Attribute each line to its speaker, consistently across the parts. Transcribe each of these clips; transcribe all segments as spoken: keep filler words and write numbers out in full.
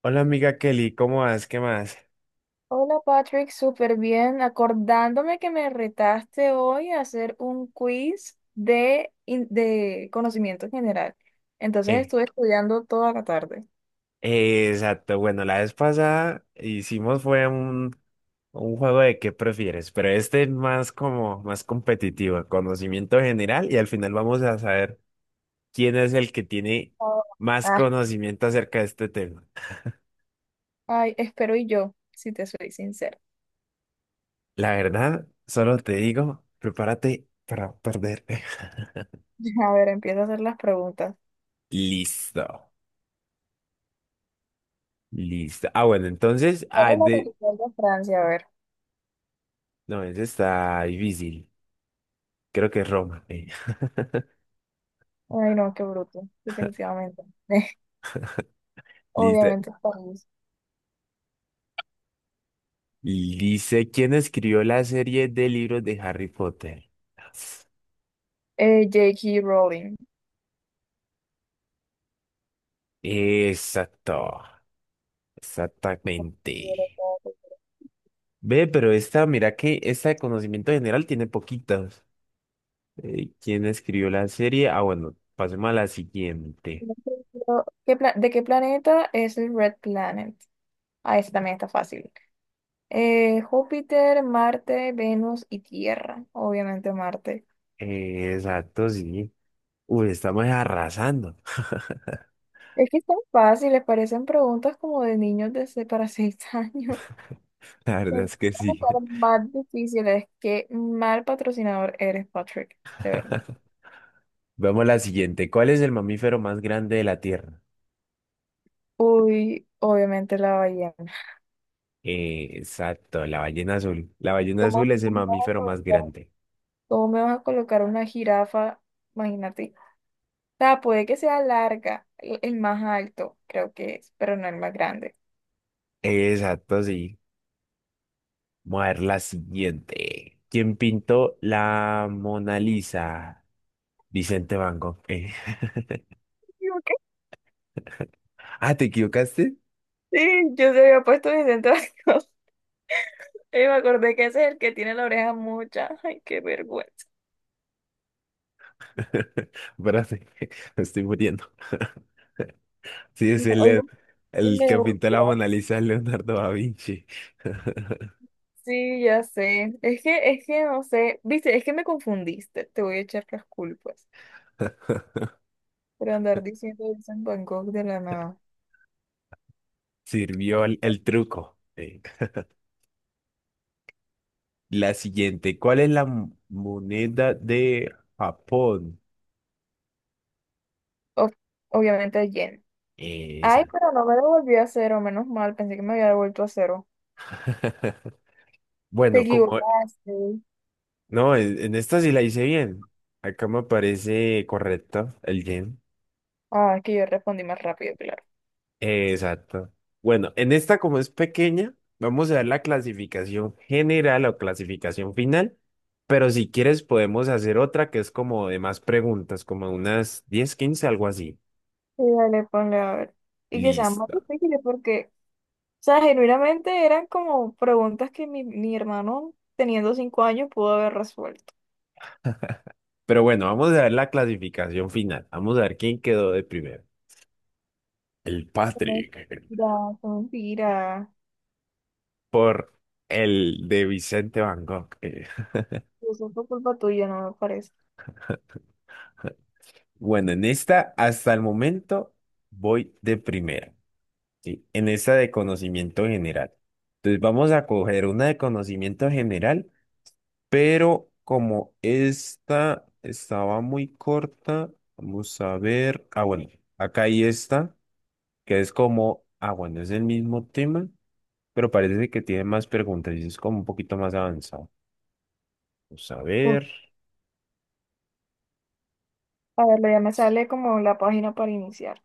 Speaker 1: Hola amiga Kelly, ¿cómo vas? ¿Qué más?
Speaker 2: Hola Patrick, súper bien. Acordándome que me retaste hoy a hacer un quiz de, in- de conocimiento general. Entonces
Speaker 1: Eh,
Speaker 2: estuve estudiando toda la tarde.
Speaker 1: eh, exacto, bueno, la vez pasada hicimos fue un, un juego de qué prefieres, pero este es más como más competitivo, conocimiento general y al final vamos a saber quién es el que tiene
Speaker 2: Oh,
Speaker 1: más
Speaker 2: ah,
Speaker 1: conocimiento acerca de este tema.
Speaker 2: ay, espero y yo, si te soy sincera.
Speaker 1: La verdad, solo te digo, prepárate para perder.
Speaker 2: A ver, empiezo a hacer las preguntas.
Speaker 1: Listo, listo. Ah, bueno, entonces,
Speaker 2: ¿Cuál
Speaker 1: ah,
Speaker 2: es la
Speaker 1: de...
Speaker 2: capital de Francia? A ver.
Speaker 1: No, ese está difícil, creo que es Roma. eh.
Speaker 2: Ay, no, qué bruto. Definitivamente.
Speaker 1: Listo.
Speaker 2: Obviamente, París.
Speaker 1: Dice, ¿quién escribió la serie de libros de Harry Potter?
Speaker 2: Eh, J K. Rowling.
Speaker 1: Exacto, exactamente. Ve, pero esta, mira que esta de conocimiento general tiene poquitas. Eh, ¿quién escribió la serie? Ah, bueno, pasemos a la siguiente.
Speaker 2: ¿De qué planeta es el Red Planet? Ah, ese también está fácil. Eh, Júpiter, Marte, Venus y Tierra. Obviamente Marte.
Speaker 1: Eh, exacto, sí. Uy, estamos arrasando.
Speaker 2: Es que están fáciles, parecen preguntas como de niños de se- para seis
Speaker 1: La verdad
Speaker 2: años.
Speaker 1: es que sí.
Speaker 2: Para más difíciles. Qué mal patrocinador eres, Patrick. De verdad.
Speaker 1: Vamos a la siguiente. ¿Cuál es el mamífero más grande de la Tierra?
Speaker 2: Uy, obviamente la ballena.
Speaker 1: Eh, exacto, la ballena azul. La ballena
Speaker 2: ¿Cómo,
Speaker 1: azul es el
Speaker 2: cómo me vas a
Speaker 1: mamífero más
Speaker 2: colocar
Speaker 1: grande.
Speaker 2: cómo me vas a colocar una jirafa? Imagínate. O sea, puede que sea larga, el el más alto, creo que es, pero no el más grande.
Speaker 1: Exacto, sí. Vamos a ver la siguiente. ¿Quién pintó la Mona Lisa? Vicente Van Gogh. Eh, Ah, ¿te equivocaste?
Speaker 2: Sí, yo se había puesto mis tentáculos. Y me acordé que ese es el que tiene la oreja mucha. Ay, qué vergüenza.
Speaker 1: Espérate, me estoy muriendo. Sí,
Speaker 2: No,
Speaker 1: es el,
Speaker 2: oye,
Speaker 1: el
Speaker 2: y me
Speaker 1: el que pintó la
Speaker 2: devolvió.
Speaker 1: Mona Lisa, es Leonardo da Vinci.
Speaker 2: Sí, ya sé. Es que, es que no sé. Viste, es que me confundiste. Te voy a echar las culpas por andar diciendo eso en Bangkok de la nada.
Speaker 1: Sirvió el, el truco. Eh, La siguiente. ¿Cuál es la mo- moneda de Japón?
Speaker 2: Ob- obviamente a yen. Ay,
Speaker 1: Esa.
Speaker 2: pero no me devolvió a cero, menos mal. Pensé que me había devuelto a cero. Te
Speaker 1: Bueno, como
Speaker 2: equivocaste.
Speaker 1: No, en, en esta sí la hice bien. Acá me parece correcto el yen.
Speaker 2: Ah, es que yo respondí más rápido, claro.
Speaker 1: Eh, exacto. Bueno, en esta como es pequeña, vamos a dar la clasificación general o clasificación final, pero si quieres podemos hacer otra que es como de más preguntas, como unas diez, quince, algo así.
Speaker 2: Sí, dale, ponle a ver. Y que sea más
Speaker 1: Listo.
Speaker 2: difícil porque, o sea, genuinamente eran como preguntas que mi, mi hermano, teniendo cinco años, pudo haber resuelto.
Speaker 1: Pero bueno, vamos a ver la clasificación final. Vamos a ver quién quedó de primero. El Patrick.
Speaker 2: Mentira, son mentiras.
Speaker 1: Por el de Vicente Van Gogh.
Speaker 2: Eso fue culpa tuya, no me parece.
Speaker 1: Bueno, en esta, hasta el momento, voy de primera, ¿sí? En esta de conocimiento general. Entonces, vamos a coger una de conocimiento general, pero como esta estaba muy corta, vamos a ver. Ah, bueno, acá hay esta, que es como, ah, bueno, es el mismo tema, pero parece que tiene más preguntas y es como un poquito más avanzado. Vamos a
Speaker 2: Uf,
Speaker 1: ver.
Speaker 2: a ver, ya me sale como la página para iniciar.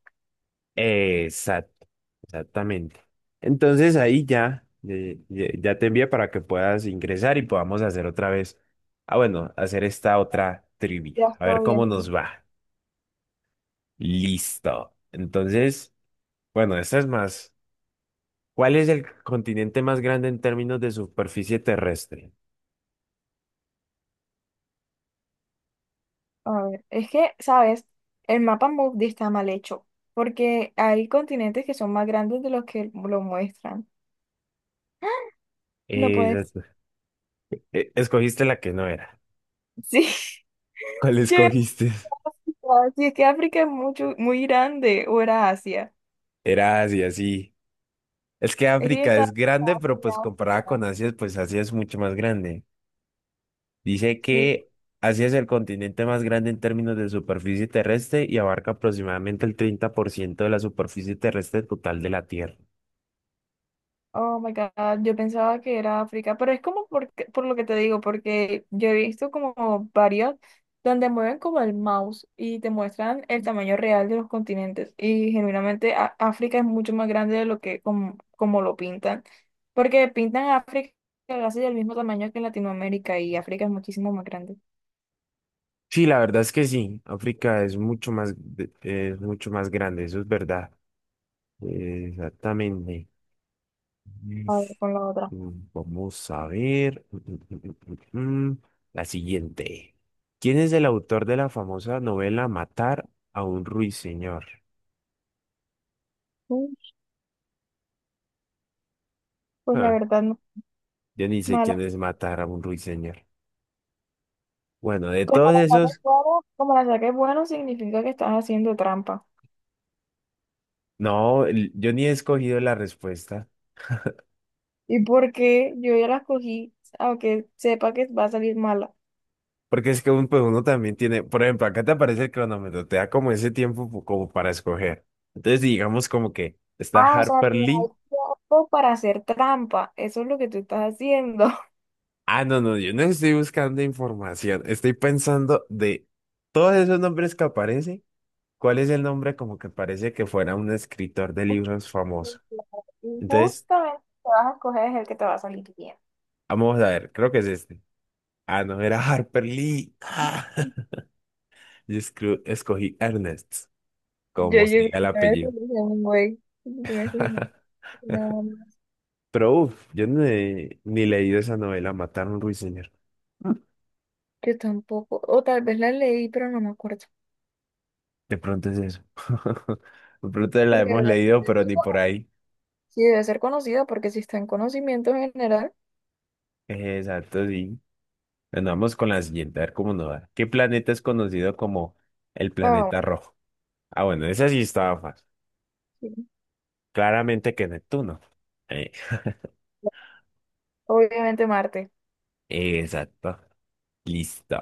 Speaker 1: Exacto, exactamente. Entonces ahí ya, eh, ya, ya te envía para que puedas ingresar y podamos hacer otra vez. Ah, bueno, hacer esta otra
Speaker 2: Ya
Speaker 1: trivia. A
Speaker 2: está
Speaker 1: ver
Speaker 2: bien,
Speaker 1: cómo nos
Speaker 2: entonces.
Speaker 1: va. Listo. Entonces, bueno, esta es más. ¿Cuál es el continente más grande en términos de superficie terrestre?
Speaker 2: A ver, es que, ¿sabes? El mapa mundi está mal hecho, porque hay continentes que son más grandes de los que lo muestran. No puedes.
Speaker 1: Exacto. eh, escogiste la que no era.
Speaker 2: Sí,
Speaker 1: ¿Cuál
Speaker 2: yo iba
Speaker 1: escogiste?
Speaker 2: a África, sí, es que África es mucho, muy grande, o era Asia.
Speaker 1: Era Asia, sí. Es que
Speaker 2: Es que yo
Speaker 1: África
Speaker 2: estaba
Speaker 1: es grande, pero
Speaker 2: en
Speaker 1: pues comparada con
Speaker 2: África.
Speaker 1: Asia, pues Asia es mucho más grande. Dice
Speaker 2: Sí,
Speaker 1: que Asia es el continente más grande en términos de superficie terrestre y abarca aproximadamente el treinta por ciento de la superficie terrestre total de la Tierra.
Speaker 2: oh my God, yo pensaba que era África, pero es como por, por lo que te digo, porque yo he visto como varios donde mueven como el mouse y te muestran el tamaño real de los continentes y genuinamente Á- África es mucho más grande de lo que como, como lo pintan, porque pintan a África casi del mismo tamaño que Latinoamérica y África es muchísimo más grande.
Speaker 1: Sí, la verdad es que sí, África es mucho más, de- es mucho más grande, eso es verdad. Eh, Exactamente. Mm,
Speaker 2: A ver, con la otra.
Speaker 1: mm, Vamos a ver. mm, mm, mm, mm, mm. La siguiente. ¿Quién es el autor de la famosa novela Matar a un ruiseñor?
Speaker 2: Mm, Pues la
Speaker 1: Ah,
Speaker 2: verdad,
Speaker 1: yo ni sé quién
Speaker 2: no.
Speaker 1: es Matar a un ruiseñor. Bueno, de
Speaker 2: Como
Speaker 1: todos
Speaker 2: la saques
Speaker 1: esos,
Speaker 2: bueno, como la saques bueno, significa que estás haciendo trampa.
Speaker 1: no, el- yo ni he escogido la respuesta.
Speaker 2: ¿Y por qué yo ya las cogí, aunque sepa que va a salir mala?
Speaker 1: Porque es que un- pues uno también tiene, por ejemplo, acá te aparece el cronómetro, te da como ese tiempo pu- como para escoger. Entonces, digamos como que está
Speaker 2: Ah, o sea,
Speaker 1: Harper
Speaker 2: que hay
Speaker 1: Lee.
Speaker 2: tiempo para hacer trampa. Eso es lo que tú estás haciendo.
Speaker 1: Ah, no, no, yo no estoy buscando información, estoy pensando de todos esos nombres que aparecen, ¿cuál es el nombre como que parece que fuera un escritor de
Speaker 2: Ok,
Speaker 1: libros famoso?
Speaker 2: claro. Y
Speaker 1: Entonces,
Speaker 2: justamente el que vas a escoger es el que te va a salir bien.
Speaker 1: vamos a ver, creo que es este. Ah, no, era Harper Lee. Ah, yo escru- escogí Ernest.
Speaker 2: Yo,
Speaker 1: Como se
Speaker 2: yo,
Speaker 1: diga el
Speaker 2: yo también
Speaker 1: apellido.
Speaker 2: escogí un güey. Yo también escogí un- nada más.
Speaker 1: Pero uff, yo ni, ni leído esa novela, Mataron a un ruiseñor. Mm.
Speaker 2: Yo tampoco. O tal vez la leí, pero no me acuerdo.
Speaker 1: De pronto es eso. De pronto la
Speaker 2: Porque
Speaker 1: hemos
Speaker 2: debe-
Speaker 1: leído,
Speaker 2: debe
Speaker 1: pero
Speaker 2: ser
Speaker 1: ni por
Speaker 2: conocida,
Speaker 1: ahí.
Speaker 2: sí debe ser conocida, porque si está en conocimiento general.
Speaker 1: Eh, Exacto, sí. Bueno, vamos con la siguiente, a ver cómo nos va. ¿Qué planeta es conocido como el
Speaker 2: Oh,
Speaker 1: planeta rojo? Ah, bueno, esa sí estaba fácil.
Speaker 2: sí,
Speaker 1: Claramente que Neptuno. Eh,
Speaker 2: obviamente Marte.
Speaker 1: exacto. Listo.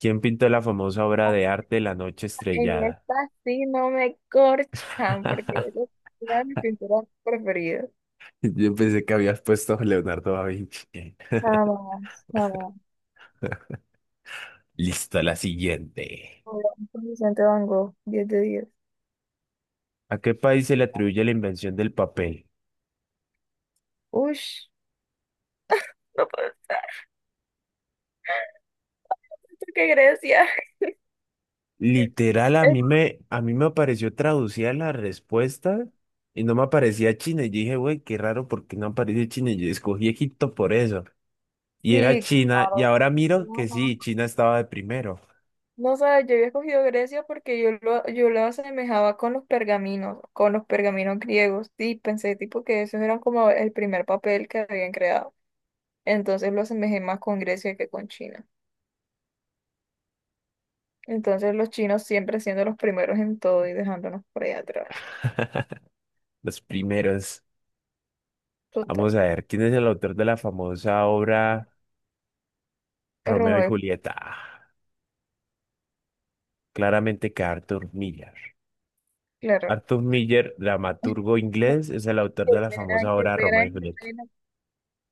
Speaker 1: ¿Quién pintó la famosa obra de arte La Noche
Speaker 2: En
Speaker 1: Estrellada?
Speaker 2: esta sí no me corchan, porque esa era mi pintura preferida.
Speaker 1: Yo pensé que habías puesto Leonardo da Vinci. eh,
Speaker 2: Jamás, jamás.
Speaker 1: Listo, la siguiente.
Speaker 2: Con Vicente Van Gogh, diez de diez.
Speaker 1: ¿A qué país se le atribuye la invención del papel?
Speaker 2: Ush, no puedo estar. ¿Por qué Grecia?
Speaker 1: Literal, a
Speaker 2: Eh,
Speaker 1: mí me, a mí me apareció traducida la respuesta y no me aparecía China. Y yo dije, güey, qué raro, ¿porque no aparece China? Y yo escogí Egipto por eso. Y era
Speaker 2: Sí,
Speaker 1: China, y
Speaker 2: claro.
Speaker 1: ahora miro
Speaker 2: No,
Speaker 1: que sí,
Speaker 2: no.
Speaker 1: China estaba de primero.
Speaker 2: No, sabes, yo había escogido Grecia porque yo lo, yo lo asemejaba con los pergaminos, con los pergaminos, griegos. Sí, pensé tipo que esos eran como el primer papel que habían creado. Entonces lo asemejé más con Grecia que con China. Entonces los chinos siempre siendo los primeros en todo y dejándonos por ahí atrás.
Speaker 1: Los primeros. Vamos
Speaker 2: Total.
Speaker 1: a ver, ¿quién es el autor de la famosa obra Romeo y
Speaker 2: Romeo,
Speaker 1: Julieta? Claramente que Arthur Miller.
Speaker 2: claro.
Speaker 1: Arthur Miller, dramaturgo
Speaker 2: No,
Speaker 1: inglés, es el autor
Speaker 2: qué
Speaker 1: de la
Speaker 2: pena,
Speaker 1: famosa
Speaker 2: qué
Speaker 1: obra
Speaker 2: pena,
Speaker 1: Romeo y
Speaker 2: qué
Speaker 1: Julieta.
Speaker 2: pena.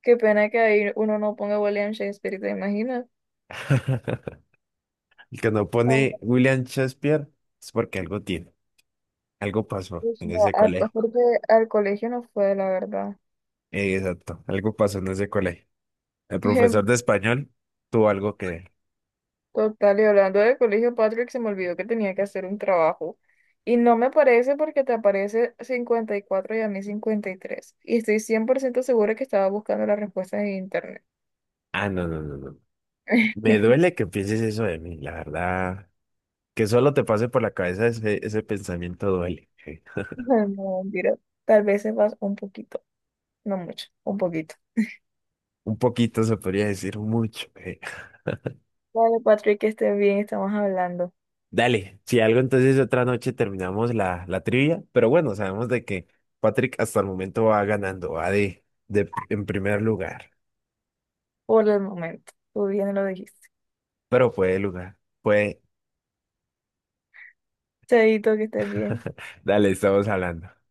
Speaker 2: Qué pena que ahí uno no ponga William Shakespeare, ¿te imaginas?
Speaker 1: El que no
Speaker 2: Oh,
Speaker 1: pone William Shakespeare es porque algo tiene, algo pasó
Speaker 2: pues
Speaker 1: en
Speaker 2: no,
Speaker 1: ese
Speaker 2: a-
Speaker 1: colegio.
Speaker 2: aparte al colegio no fue, la verdad.
Speaker 1: Eh, exacto, algo pasó en ese colegio. El profesor de español tuvo algo que ver.
Speaker 2: Total, y hablando del colegio, Patrick, se me olvidó que tenía que hacer un trabajo. Y no me parece porque te aparece cincuenta y cuatro y a mí cincuenta y tres y estoy cien por ciento segura que estaba buscando las respuestas en internet.
Speaker 1: Ah, no, no, no, no. Me duele que pienses eso de mí, la verdad. Que solo te pase por la cabeza ese, ese pensamiento duele. eh.
Speaker 2: No, mentira. Tal vez sepas un poquito, no mucho, un poquito.
Speaker 1: Un poquito se podría decir mucho. eh.
Speaker 2: Vale, Patrick, que estés bien, estamos hablando
Speaker 1: Dale, si algo entonces otra noche terminamos la, la trivia, pero bueno, sabemos de que Patrick hasta el momento va ganando, va de, de pr- en primer lugar,
Speaker 2: por el momento. Tú bien lo dijiste.
Speaker 1: pero fue de lugar, fue,
Speaker 2: Chaito, que estés bien.
Speaker 1: dale, estamos hablando.